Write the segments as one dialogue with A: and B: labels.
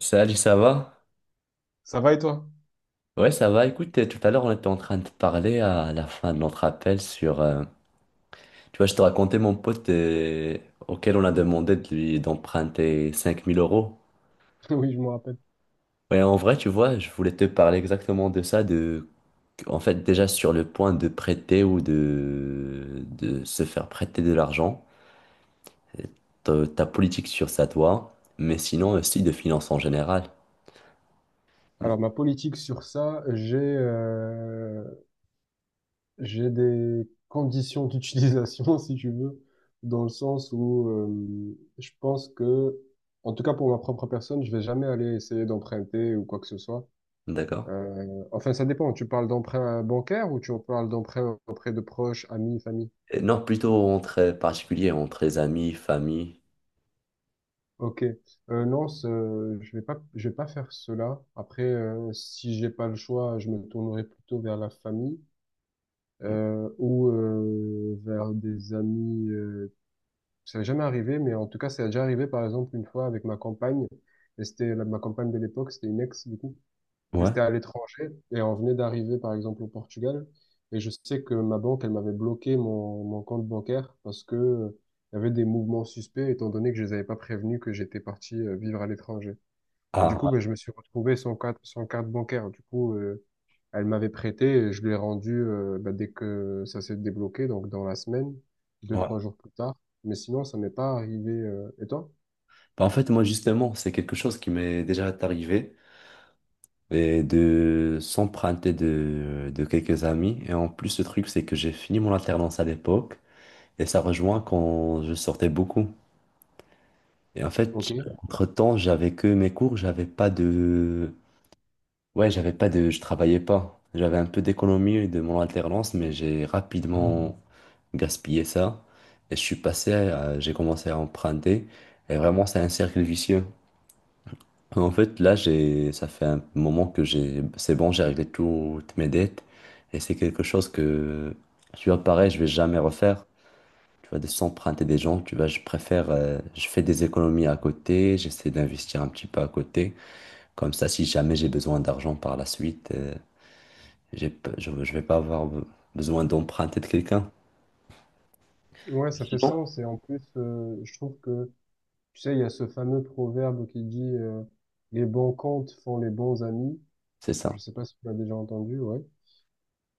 A: Salut, ça va?
B: Ça va et toi?
A: Ouais, ça va. Écoute, tout à l'heure, on était en train de parler à la fin de notre appel sur, tu vois, je te racontais mon pote auquel on a demandé de lui d'emprunter 5000 euros.
B: Oui, je me rappelle.
A: Ouais, en vrai, tu vois, je voulais te parler exactement de ça, En fait, déjà sur le point de prêter ou de se faire prêter de l'argent, ta politique sur ça, toi, mais sinon aussi de finances en général.
B: Alors, ma politique sur ça, j'ai des conditions d'utilisation, si tu veux, dans le sens où je pense que, en tout cas pour ma propre personne, je vais jamais aller essayer d'emprunter ou quoi que ce soit.
A: D'accord?
B: Enfin, ça dépend. Tu parles d'emprunt bancaire ou tu en parles d'emprunt auprès de proches, amis, famille?
A: Et non, plutôt entre particuliers, entre les amis, famille.
B: Ok. Non, je vais pas faire cela. Après, si j'ai pas le choix, je me tournerai plutôt vers la famille. Ou vers des amis. Ça n'est jamais arrivé, mais en tout cas, ça a déjà arrivé, par exemple, une fois avec ma compagne. Et ma compagne de l'époque, c'était une ex, du coup. Mais
A: Ouais.
B: c'était à l'étranger. Et on venait d'arriver, par exemple, au Portugal. Et je sais que ma banque, elle m'avait bloqué mon compte bancaire parce que il y avait des mouvements suspects, étant donné que je les avais pas prévenus que j'étais parti vivre à l'étranger. Et du coup,
A: Ah.
B: ben, je me suis retrouvé sans carte, sans carte bancaire. Du coup, elle m'avait prêté et je l'ai rendu ben, dès que ça s'est débloqué, donc dans la semaine, deux,
A: Ouais.
B: trois jours plus tard. Mais sinon, ça m'est pas arrivé. Et toi?
A: Bah, en fait, moi, justement, c'est quelque chose qui m'est déjà arrivé et de s'emprunter de quelques amis. Et en plus, le truc, c'est que j'ai fini mon alternance à l'époque et ça rejoint quand je sortais beaucoup. Et en fait,
B: Ok.
A: entre-temps, j'avais que mes cours, j'avais pas de, ouais, j'avais pas de, je travaillais pas. J'avais un peu d'économie de mon alternance, mais j'ai rapidement gaspillé ça et je suis passé à, j'ai commencé à emprunter et vraiment, c'est un cercle vicieux. En fait, là, j'ai, ça fait un moment que j'ai, c'est bon, j'ai réglé toutes mes dettes et c'est quelque chose que, tu vois, pareil, je vais jamais refaire. Tu vois, de s'emprunter des gens, tu vois, je préfère, je fais des économies à côté, j'essaie d'investir un petit peu à côté. Comme ça, si jamais j'ai besoin d'argent par la suite, je vais pas avoir besoin d'emprunter de quelqu'un.
B: Ouais, ça fait
A: Sinon,
B: sens. Et en plus, je trouve que, tu sais, il y a ce fameux proverbe qui dit les bons comptes font les bons amis.
A: c'est
B: Je
A: ça.
B: sais pas si tu l'as déjà entendu, ouais.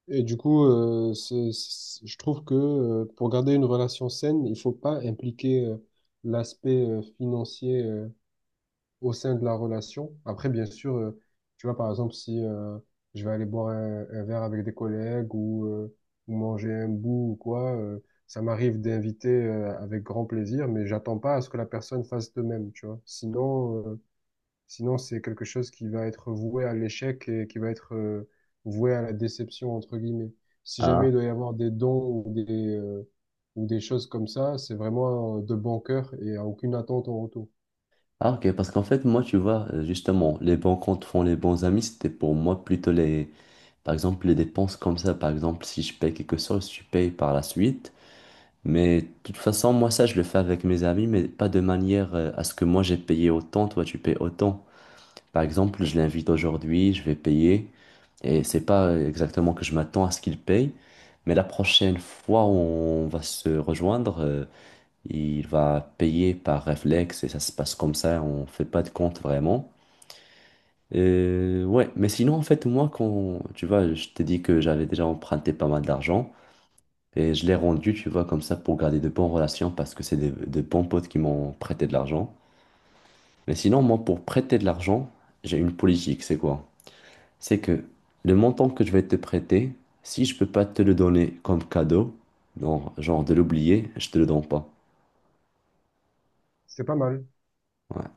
B: Et du coup, je trouve que pour garder une relation saine, il faut pas impliquer l'aspect financier au sein de la relation. Après, bien sûr, tu vois, par exemple, si je vais aller boire un verre avec des collègues ou manger un bout ou quoi, ça m'arrive d'inviter avec grand plaisir, mais j'attends pas à ce que la personne fasse de même, tu vois. Sinon, c'est quelque chose qui va être voué à l'échec et qui va être voué à la déception, entre guillemets. Si
A: Hein.
B: jamais il doit y avoir des dons euh, ou des choses comme ça, c'est vraiment de bon cœur et à aucune attente en retour.
A: Ah, ok, parce qu'en fait, moi, tu vois, justement, les bons comptes font les bons amis, c'était pour moi plutôt les, par exemple, les dépenses comme ça. Par exemple, si je paye quelque chose, je paye par la suite. Mais de toute façon, moi, ça, je le fais avec mes amis, mais pas de manière à ce que moi, j'ai payé autant, toi, tu payes autant. Par exemple, je l'invite aujourd'hui, je vais payer, et c'est pas exactement que je m'attends à ce qu'il paye, mais la prochaine fois où on va se rejoindre, il va payer par réflexe et ça se passe comme ça, on fait pas de compte vraiment. Ouais, mais sinon, en fait, moi, quand, tu vois, je t'ai dit que j'avais déjà emprunté pas mal d'argent et je l'ai rendu, tu vois, comme ça pour garder de bonnes relations parce que c'est de bons potes qui m'ont prêté de l'argent. Mais sinon, moi, pour prêter de l'argent, j'ai une politique, c'est quoi? C'est que le montant que je vais te prêter, si je peux pas te le donner comme cadeau, non, genre de l'oublier, je te le donne pas.
B: C'est pas mal.
A: Ouais.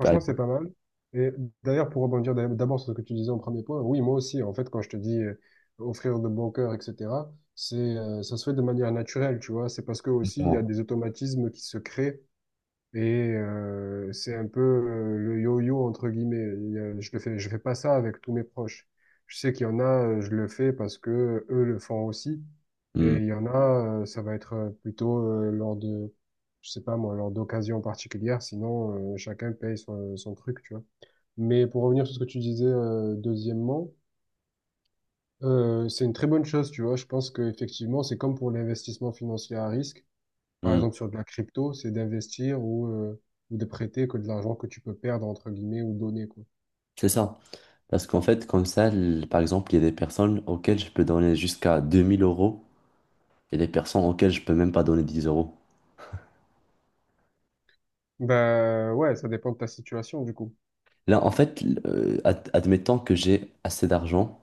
A: Par
B: c'est pas mal. Et d'ailleurs, pour rebondir d'abord sur ce que tu disais en premier point, oui, moi aussi, en fait, quand je te dis offrir de bon cœur, etc., ça se fait de manière naturelle, tu vois. C'est parce que aussi, il y a
A: exemple,
B: des automatismes qui se créent. Et c'est un peu le yo-yo entre guillemets. Je le fais, je fais pas ça avec tous mes proches. Je sais qu'il y en a, je le fais parce que eux le font aussi.
A: hmm,
B: Et il y en a, ça va être plutôt lors de, je sais pas moi, lors d'occasions particulières. Sinon, chacun paye son truc, tu vois. Mais pour revenir sur ce que tu disais, deuxièmement, c'est une très bonne chose, tu vois. Je pense qu'effectivement, c'est comme pour l'investissement financier à risque par
A: hmm.
B: exemple sur de la crypto, c'est d'investir ou de prêter que de l'argent que tu peux perdre, entre guillemets, ou donner, quoi.
A: C'est ça. Parce qu'en fait, comme ça, par exemple, il y a des personnes auxquelles je peux donner jusqu'à 2 000 € et des personnes auxquelles je peux même pas donner 10 euros.
B: Bah ouais, ça dépend de ta situation, du coup.
A: Là, en fait, admettons que j'ai assez d'argent,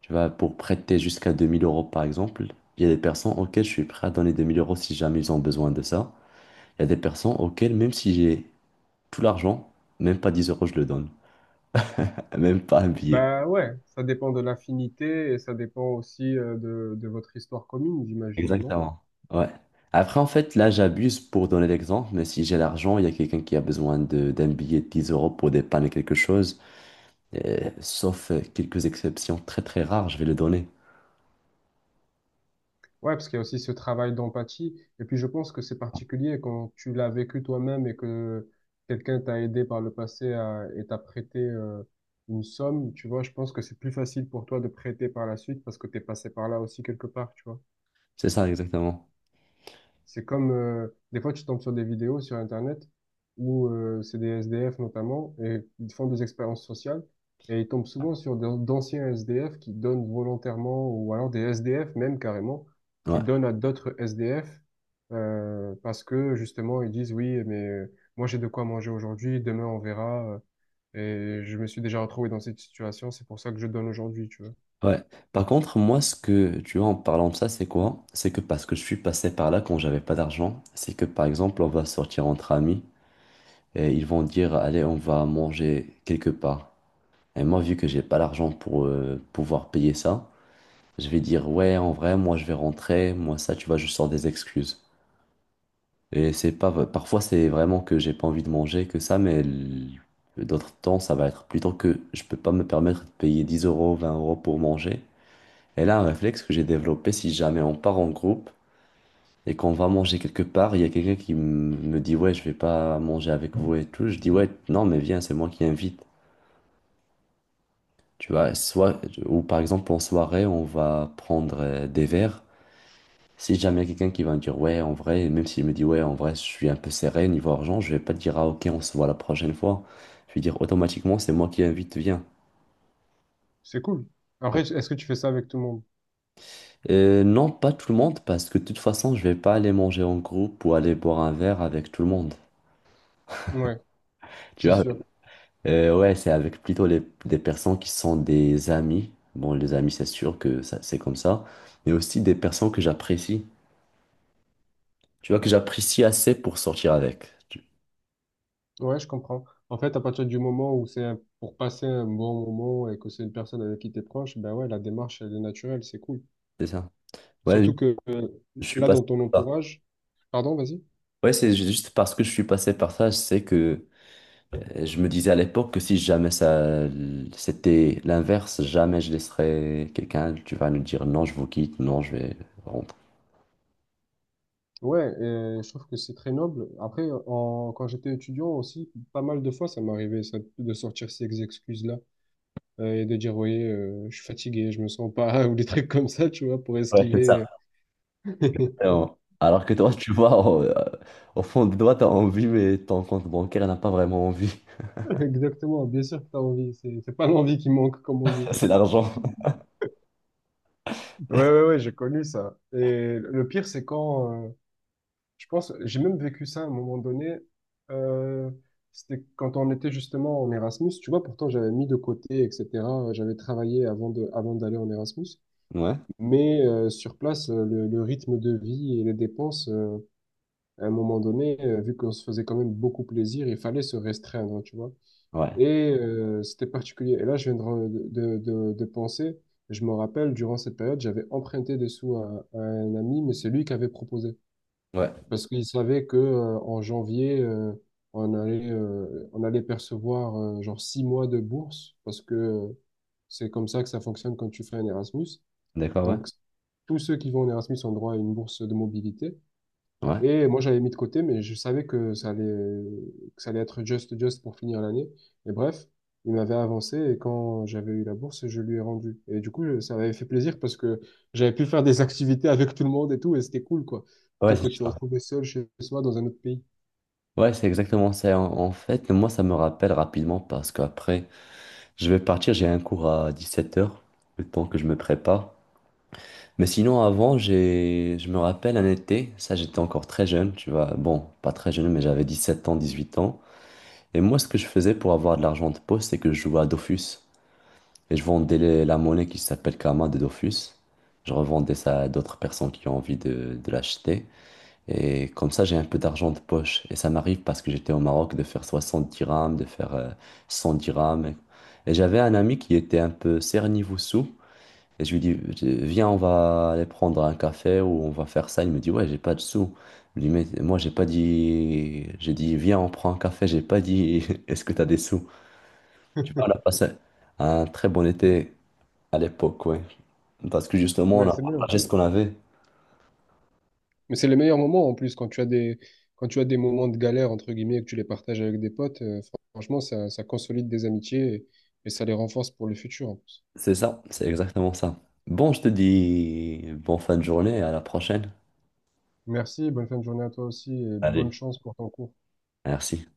A: tu vois, pour prêter jusqu'à 2000 euros, par exemple, il y a des personnes auxquelles je suis prêt à donner 2 000 € si jamais ils ont besoin de ça. Il y a des personnes auxquelles, même si j'ai tout l'argent, même pas 10 euros, je le donne. Même pas un billet.
B: Bah ouais, ça dépend de l'affinité et ça dépend aussi de votre histoire commune, j'imagine, non?
A: Exactement. Ouais. Après, en fait, là, j'abuse pour donner l'exemple, mais si j'ai l'argent, il y a quelqu'un qui a besoin d'un billet de 10 € pour dépanner quelque chose, sauf quelques exceptions très très rares, je vais le donner.
B: Ouais, parce qu'il y a aussi ce travail d'empathie. Et puis je pense que c'est particulier quand tu l'as vécu toi-même et que quelqu'un t'a aidé par le passé à, et t'a prêté une somme, tu vois, je pense que c'est plus facile pour toi de prêter par la suite parce que t'es passé par là aussi quelque part, tu vois.
A: C'est ça, exactement.
B: C'est comme, des fois, tu tombes sur des vidéos sur Internet où c'est des SDF notamment, et ils font des expériences sociales, et ils tombent souvent sur d'anciens SDF qui donnent volontairement, ou alors des SDF même carrément, qui
A: Ouais.
B: donnent à d'autres SDF, parce que justement, ils disent, oui, mais moi j'ai de quoi manger aujourd'hui, demain on verra, et je me suis déjà retrouvé dans cette situation, c'est pour ça que je donne aujourd'hui, tu vois.
A: Ouais. Par contre, moi, ce que, tu vois, en parlant de ça, c'est quoi? C'est que parce que je suis passé par là quand j'avais pas d'argent, c'est que, par exemple, on va sortir entre amis et ils vont dire, allez, on va manger quelque part. Et moi, vu que j'ai pas l'argent pour pouvoir payer ça, je vais dire, ouais, en vrai, moi, je vais rentrer, moi, ça, tu vois, je sors des excuses. Et c'est pas, parfois, c'est vraiment que j'ai pas envie de manger, que ça, mais d'autres temps, ça va être plutôt que je peux pas me permettre de payer 10 euros, 20 € pour manger. Et là, un réflexe que j'ai développé, si jamais on part en groupe et qu'on va manger quelque part, il y a quelqu'un qui me dit, ouais, je vais pas manger avec vous et tout. Je dis, ouais, non, mais viens, c'est moi qui invite. Tu vois, soit, ou par exemple, en soirée, on va prendre des verres. Si jamais il y a quelqu'un qui va me dire, ouais, en vrai, même s'il me dit, ouais, en vrai, je suis un peu serré niveau argent, je vais pas dire, ah, ok, on se voit la prochaine fois. Je vais dire, automatiquement, c'est moi qui invite, viens.
B: C'est cool. Après, est-ce que tu fais ça avec tout le monde?
A: Non, pas tout le monde, parce que de toute façon, je vais pas aller manger en groupe ou aller boire un verre avec tout le monde.
B: Ouais,
A: Tu
B: c'est
A: vois?
B: sûr.
A: Ouais, c'est avec plutôt les, des personnes qui sont des amis. Bon, les amis, c'est sûr que ça, c'est comme ça. Mais aussi des personnes que j'apprécie. Tu vois, que j'apprécie assez pour sortir avec.
B: Ouais, je comprends. En fait, à partir du moment où pour passer un bon moment et que c'est une personne avec qui t'es proche, ben ouais, la démarche, elle est naturelle, c'est cool.
A: C'est ça? Ouais, je
B: Surtout que
A: je suis
B: là,
A: passé
B: dans ton
A: par là.
B: entourage, pardon, vas-y.
A: Ouais, c'est juste parce que je suis passé par ça, je sais que je me disais à l'époque que si jamais ça c'était l'inverse, jamais je laisserais quelqu'un, tu vas nous dire non, je vous quitte, non, je vais rentrer.
B: Ouais, je trouve que c'est très noble. Après, quand j'étais étudiant aussi, pas mal de fois, ça m'arrivait ça, de sortir ces excuses-là et de dire, voyez, je suis fatigué, je me sens pas, ou des trucs comme ça, tu vois, pour
A: Ouais, c'est ça.
B: esquiver. euh.
A: Alors que toi, tu vois, au fond de toi, t'as envie, mais ton compte bancaire n'a pas vraiment envie.
B: Exactement, bien sûr que t'as envie. C'est pas l'envie qui manque, comme on dit.
A: C'est l'argent.
B: Ouais, ouais, ouais, j'ai connu ça. Et le pire, c'est quand, je pense, j'ai même vécu ça à un moment donné. Euh, C'était quand on était justement en Erasmus. Tu vois, pourtant, j'avais mis de côté, etc. J'avais travaillé avant d'aller en Erasmus.
A: Ouais,
B: Mais sur place, le rythme de vie et les dépenses, à un moment donné, vu qu'on se faisait quand même beaucoup plaisir, il fallait se restreindre, tu vois.
A: ouais,
B: Et c'était particulier. Et là, je viens de, de penser, je me rappelle, durant cette période, j'avais emprunté des sous à un ami, mais c'est lui qui avait proposé.
A: ouais.
B: Parce qu'il savait que en janvier, on allait percevoir genre 6 mois de bourse, parce que c'est comme ça que ça fonctionne quand tu fais un Erasmus.
A: D'accord, ouais.
B: Donc, tous ceux qui vont en Erasmus ont droit à une bourse de mobilité.
A: Ouais,
B: Et moi, j'avais mis de côté, mais je savais que ça allait être just pour finir l'année. Et bref, il m'avait avancé et quand j'avais eu la bourse, je lui ai rendu. Et du coup, ça m'avait fait plaisir parce que j'avais pu faire des activités avec tout le monde et tout, et c'était cool, quoi.
A: ouais,
B: Plutôt que
A: c'est
B: de se
A: sûr.
B: retrouver seul chez soi dans un autre pays.
A: Ouais, c'est exactement ça. En fait, moi, ça me rappelle rapidement parce qu'après. Je vais partir, j'ai un cours à 17 h, le temps que je me prépare. Mais sinon, avant, j'ai, je me rappelle un été, ça j'étais encore très jeune, tu vois, bon, pas très jeune, mais j'avais 17 ans, 18 ans. Et moi, ce que je faisais pour avoir de l'argent de poste, c'est que je jouais à Dofus. Et je vendais la monnaie qui s'appelle Kama de Dofus. Je revendais ça à d'autres personnes qui ont envie de l'acheter. Et comme ça, j'ai un peu d'argent de poche. Et ça m'arrive parce que j'étais au Maroc de faire 60 dirhams, de faire 100 dirhams. Et j'avais un ami qui était un peu cerné sous. Et je lui dis, viens, on va aller prendre un café ou on va faire ça. Il me dit, ouais, j'ai pas de sous. Je lui dis, mais moi, j'ai pas dit. J'ai dit, viens, on prend un café. J'ai pas dit, est-ce que t'as des sous? Tu vois, on a passé un très bon été à l'époque, ouais. Parce que justement, on
B: Ouais,
A: a
B: c'est bien.
A: partagé ce qu'on avait.
B: Mais c'est les meilleurs moments en plus quand tu as des, quand tu as des moments de galère, entre guillemets, et que tu les partages avec des potes. Franchement, ça, ça consolide des amitiés et ça les renforce pour le futur. En plus.
A: C'est ça, c'est exactement ça. Bon, je te dis bon fin de journée, à la prochaine.
B: Merci, bonne fin de journée à toi aussi et bonne
A: Allez.
B: chance pour ton cours.
A: Merci.